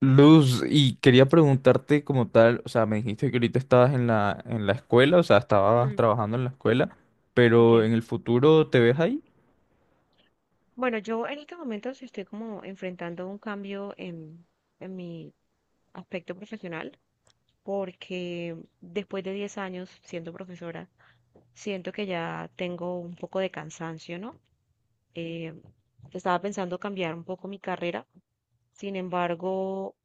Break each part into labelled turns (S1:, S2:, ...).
S1: Luz, y quería preguntarte como tal, o sea, me dijiste que ahorita estabas en la escuela, o sea, estabas
S2: Mm.
S1: trabajando en la escuela, pero
S2: Okay.
S1: en el futuro, ¿te ves ahí?
S2: Bueno, yo en este momento sí estoy como enfrentando un cambio en mi aspecto profesional, porque después de 10 años siendo profesora, siento que ya tengo un poco de cansancio, ¿no? Eh, Estaba pensando cambiar un poco mi carrera. Sin embargo,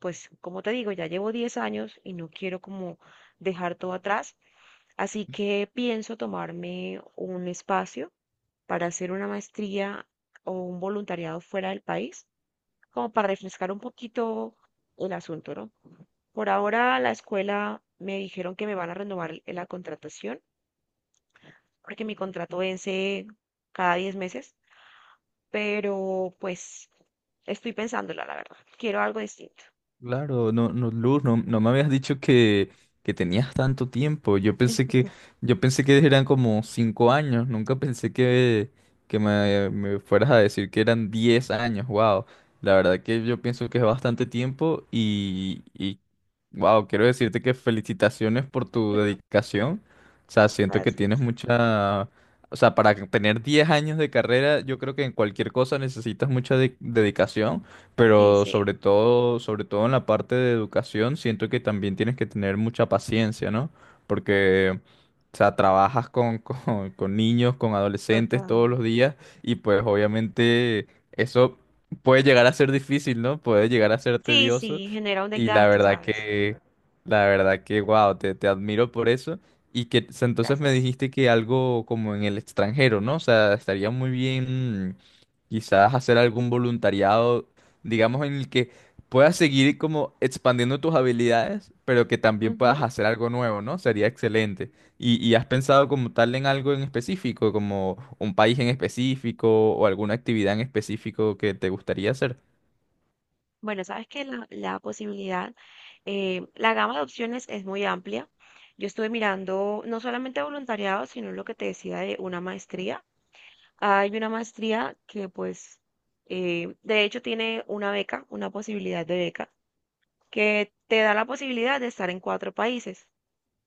S2: pues como te digo, ya llevo 10 años y no quiero como dejar todo atrás, así que pienso tomarme un espacio para hacer una maestría o un voluntariado fuera del país, como para refrescar un poquito el asunto, ¿no? Por ahora la escuela me dijeron que me van a renovar la contratación, porque mi contrato vence cada 10 meses, pero pues estoy pensándola, la verdad. Quiero algo distinto.
S1: Claro, no, no, Luz, no, no me habías dicho que, tenías tanto tiempo. Yo pensé que eran como 5 años. Nunca pensé que me fueras a decir que eran 10 años. Wow. La verdad que yo pienso que es bastante tiempo y wow, quiero decirte que felicitaciones por tu dedicación. O sea, siento que tienes
S2: Gracias.
S1: mucha, o sea, para tener 10 años de carrera, yo creo que en cualquier cosa necesitas mucha dedicación.
S2: Sí,
S1: Pero
S2: sí,
S1: sobre todo en la parte de educación, siento que también tienes que tener mucha paciencia, ¿no? Porque, o sea, trabajas con, con, niños, con adolescentes todos
S2: total.
S1: los días y pues obviamente eso puede llegar a ser difícil, ¿no? Puede llegar a ser
S2: Sí, sí,
S1: tedioso
S2: genera un
S1: y la
S2: desgaste,
S1: verdad
S2: ¿sabes?
S1: que, la verdad que, wow, te admiro por eso. Y que entonces me
S2: Gracias.
S1: dijiste que algo como en el extranjero, ¿no? O sea, estaría muy bien, quizás hacer algún voluntariado, digamos, en el que puedas seguir como expandiendo tus habilidades, pero que también
S2: Ujú.
S1: puedas hacer algo nuevo, ¿no? Sería excelente. ¿Y has pensado como tal en algo en específico, como un país en específico o alguna actividad en específico que te gustaría hacer?
S2: Bueno, sabes que la posibilidad, la gama de opciones es muy amplia. Yo estuve mirando no solamente voluntariado, sino lo que te decía de una maestría. Hay una maestría que pues, de hecho tiene una beca, una posibilidad de beca, que te da la posibilidad de estar en cuatro países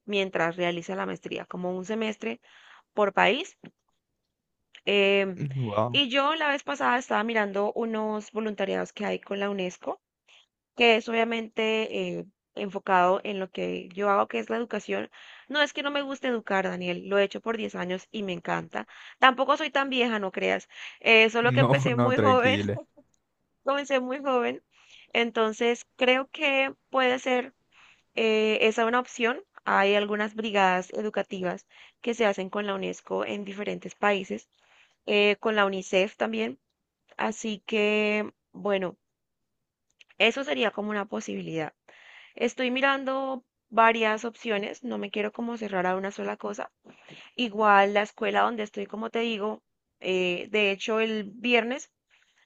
S2: mientras realizas la maestría, como un semestre por país. Em,
S1: Wow.
S2: y yo la vez pasada estaba mirando unos voluntariados que hay con la UNESCO, que es obviamente, enfocado en lo que yo hago, que es la educación. No es que no me guste educar, Daniel, lo he hecho por 10 años y me encanta. Tampoco soy tan vieja, no creas, solo que
S1: No,
S2: empecé
S1: no,
S2: muy joven,
S1: tranquila.
S2: comencé muy joven. Entonces, creo que puede ser, esa una opción. Hay algunas brigadas educativas que se hacen con la UNESCO en diferentes países, con la UNICEF también. Así que, bueno, eso sería como una posibilidad. Estoy mirando varias opciones, no me quiero como cerrar a una sola cosa. Igual la escuela donde estoy, como te digo, de hecho el viernes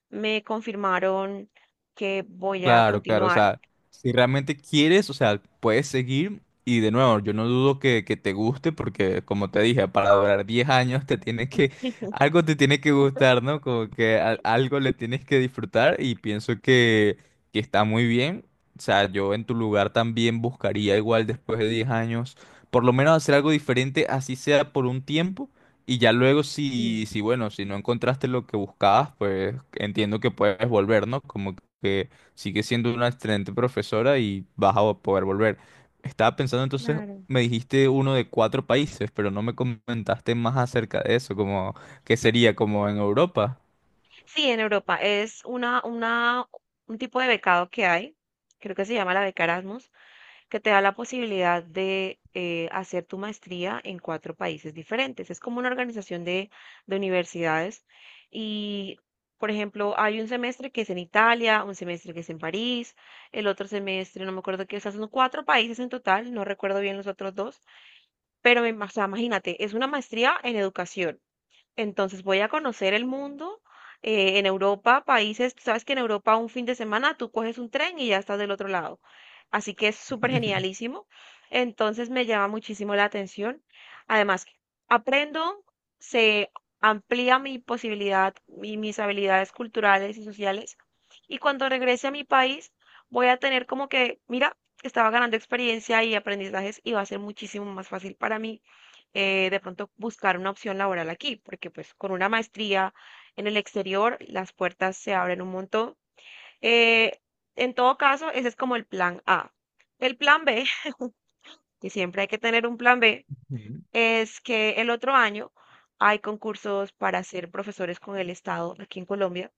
S2: me confirmaron que voy a
S1: Claro, claro, o
S2: continuar.
S1: sea, si realmente quieres, o sea, puedes seguir y de nuevo, yo no dudo que, te guste porque como te dije, para durar 10 años algo te tiene que gustar, ¿no? Como que algo le tienes que disfrutar y pienso que está muy bien. O sea, yo en tu lugar también buscaría igual después de 10 años, por lo menos hacer algo diferente, así sea por un tiempo. Y ya luego si,
S2: Sí,
S1: si bueno, si no encontraste lo que buscabas, pues entiendo que puedes volver, ¿no? Como que sigue siendo una excelente profesora y vas a poder volver. Estaba pensando entonces,
S2: claro.
S1: me dijiste uno de 4 países, pero no me comentaste más acerca de eso, como que sería como en Europa.
S2: Sí, en Europa es un tipo de becado que hay, creo que se llama la beca Erasmus, que te da la posibilidad de, hacer tu maestría en cuatro países diferentes. Es como una organización de universidades y, por ejemplo, hay un semestre que es en Italia, un semestre que es en París, el otro semestre, no me acuerdo qué, o sea, son cuatro países en total, no recuerdo bien los otros dos, pero o sea, imagínate, es una maestría en educación. Entonces voy a conocer el mundo. En Europa, países, tú sabes que en Europa un fin de semana tú coges un tren y ya estás del otro lado. Así que es súper genialísimo. Entonces me llama muchísimo la atención. Además, aprendo, se amplía mi posibilidad y mis habilidades culturales y sociales. Y cuando regrese a mi país, voy a tener como que, mira, estaba ganando experiencia y aprendizajes y va a ser muchísimo más fácil para mí, de pronto buscar una opción laboral aquí, porque pues con una maestría en el exterior las puertas se abren un montón. Eh, en todo caso, ese es como el plan A. El plan B, que siempre hay que tener un plan B,
S1: Ujú.
S2: es que el otro año hay concursos para ser profesores con el Estado aquí en Colombia,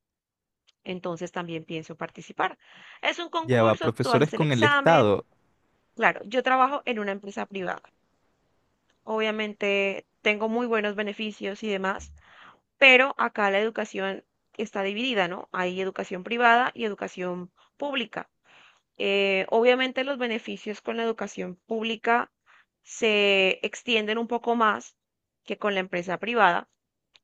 S2: entonces también pienso participar. Es un
S1: Ya va,
S2: concurso, tú haces
S1: profesores
S2: el
S1: con el
S2: examen.
S1: Estado.
S2: Claro, yo trabajo en una empresa privada. Obviamente tengo muy buenos beneficios y demás. Pero acá la educación está dividida, ¿no? Hay educación privada y educación pública. Obviamente los beneficios con la educación pública se extienden un poco más que con la empresa privada,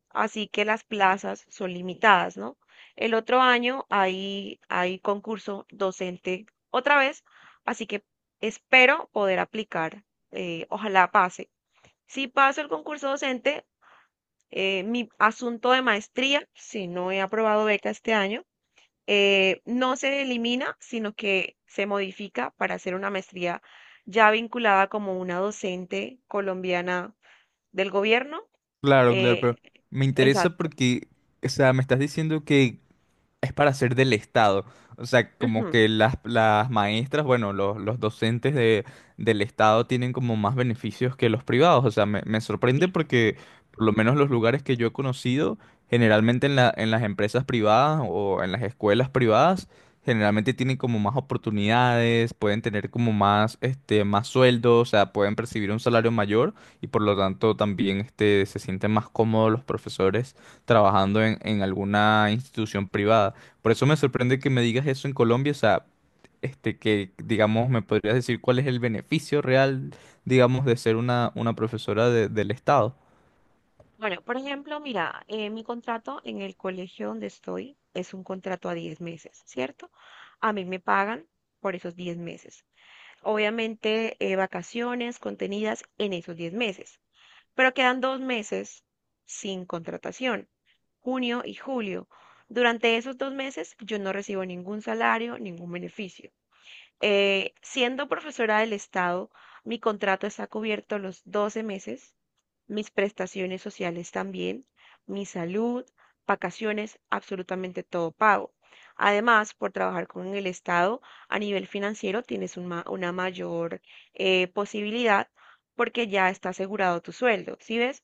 S2: así que las plazas son limitadas, ¿no? El otro año hay concurso docente otra vez, así que espero poder aplicar, ojalá pase. Si paso el concurso docente, mi asunto de maestría, si no he aprobado beca este año, no se elimina, sino que se modifica para hacer una maestría ya vinculada como una docente colombiana del gobierno.
S1: Claro, claro, pero
S2: eh,
S1: me interesa
S2: exacto.
S1: porque, o sea, me estás diciendo que es para ser del Estado. O sea, como
S2: Ujú,
S1: que las, maestras, bueno, los docentes del Estado tienen como más beneficios que los privados. O sea, me, sorprende
S2: sí.
S1: porque por lo menos los lugares que yo he conocido, generalmente en las empresas privadas o en las escuelas privadas, generalmente tienen como más oportunidades, pueden tener como más, este, más sueldo, o sea, pueden percibir un salario mayor y por lo tanto también, este, se sienten más cómodos los profesores trabajando en, alguna institución privada. Por eso me sorprende que me digas eso en Colombia, o sea, este, que digamos, me podrías decir cuál es el beneficio real, digamos, de ser una profesora del Estado.
S2: Bueno, por ejemplo, mira, mi contrato en el colegio donde estoy es un contrato a 10 meses, ¿cierto? A mí me pagan por esos 10 meses. Obviamente, vacaciones contenidas en esos 10 meses. Pero quedan 2 meses sin contratación, junio y julio. Durante esos 2 meses yo no recibo ningún salario, ningún beneficio. Siendo profesora del Estado, mi contrato está cubierto los 12 meses, mis prestaciones sociales también, mi salud, vacaciones, absolutamente todo pago. Además, por trabajar con el Estado a nivel financiero, tienes un una mayor, posibilidad porque ya está asegurado tu sueldo, ¿sí ves?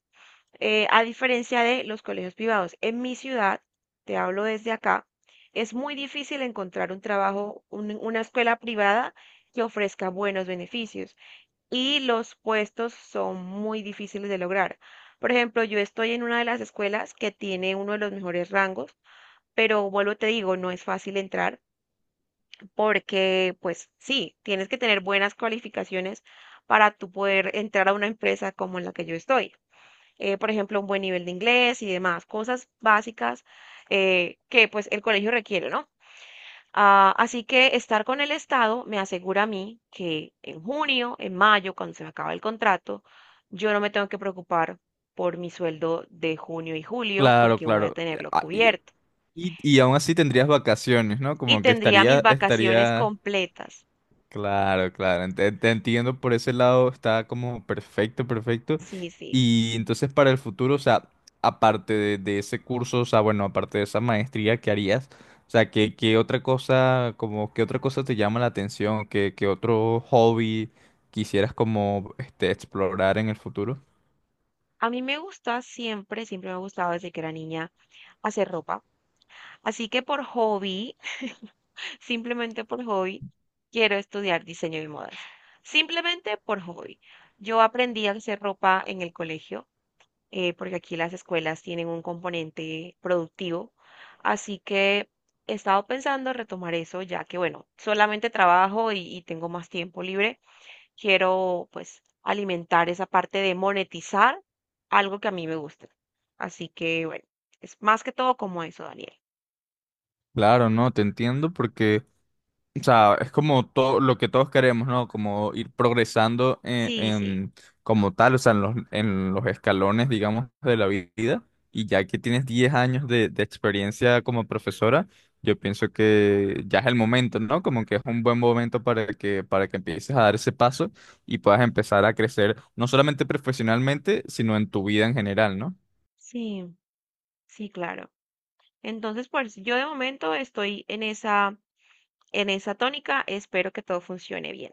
S2: A diferencia de los colegios privados. En mi ciudad, te hablo desde acá, es muy difícil encontrar un trabajo, una escuela privada que ofrezca buenos beneficios y los puestos son muy difíciles de lograr. Por ejemplo, yo estoy en una de las escuelas que tiene uno de los mejores rangos, pero vuelvo, te digo, no es fácil entrar porque, pues sí, tienes que tener buenas cualificaciones para tú poder entrar a una empresa como en la que yo estoy, por ejemplo, un buen nivel de inglés y demás, cosas básicas, que pues el colegio requiere, ¿no? Ah, así que estar con el Estado me asegura a mí que en junio, en mayo, cuando se me acaba el contrato, yo no me tengo que preocupar por mi sueldo de junio y julio
S1: Claro,
S2: porque voy a
S1: claro.
S2: tenerlo
S1: Ah, Y,
S2: cubierto
S1: y y aún así tendrías vacaciones, ¿no?
S2: y
S1: Como que
S2: tendría mis
S1: estaría,
S2: vacaciones
S1: estaría
S2: completas.
S1: Claro, claro, te entiendo por ese lado, está como perfecto, perfecto.
S2: Sí, sí.
S1: Y entonces para el futuro, o sea, aparte de, ese curso, o sea, bueno, aparte de esa maestría que harías, o sea, ¿qué, otra cosa, como, qué otra cosa te llama la atención? Qué, qué otro hobby quisieras como este, explorar en el futuro?
S2: A mí me gusta siempre, siempre me ha gustado desde que era niña hacer ropa. Así que por hobby, simplemente por hobby, quiero estudiar diseño y modas. Simplemente por hobby. Yo aprendí a hacer ropa en el colegio, porque aquí las escuelas tienen un componente productivo. Así que he estado pensando retomar eso, ya que, bueno, solamente trabajo y tengo más tiempo libre. Quiero, pues, alimentar esa parte de monetizar algo que a mí me gusta. Así que, bueno, es más que todo como eso, Daniel.
S1: Claro, no, te entiendo porque, o sea, es como todo lo que todos queremos, ¿no? Como ir progresando
S2: Sí, sí,
S1: como tal, o sea, en los, escalones, digamos, de la vida. Y ya que tienes 10 años de experiencia como profesora, yo pienso que ya es el momento, ¿no? Como que es un buen momento para que empieces a dar ese paso y puedas empezar a crecer, no solamente profesionalmente, sino en tu vida en general, ¿no?
S2: sí, sí, claro. Entonces, pues yo de momento estoy en esa, tónica, espero que todo funcione bien.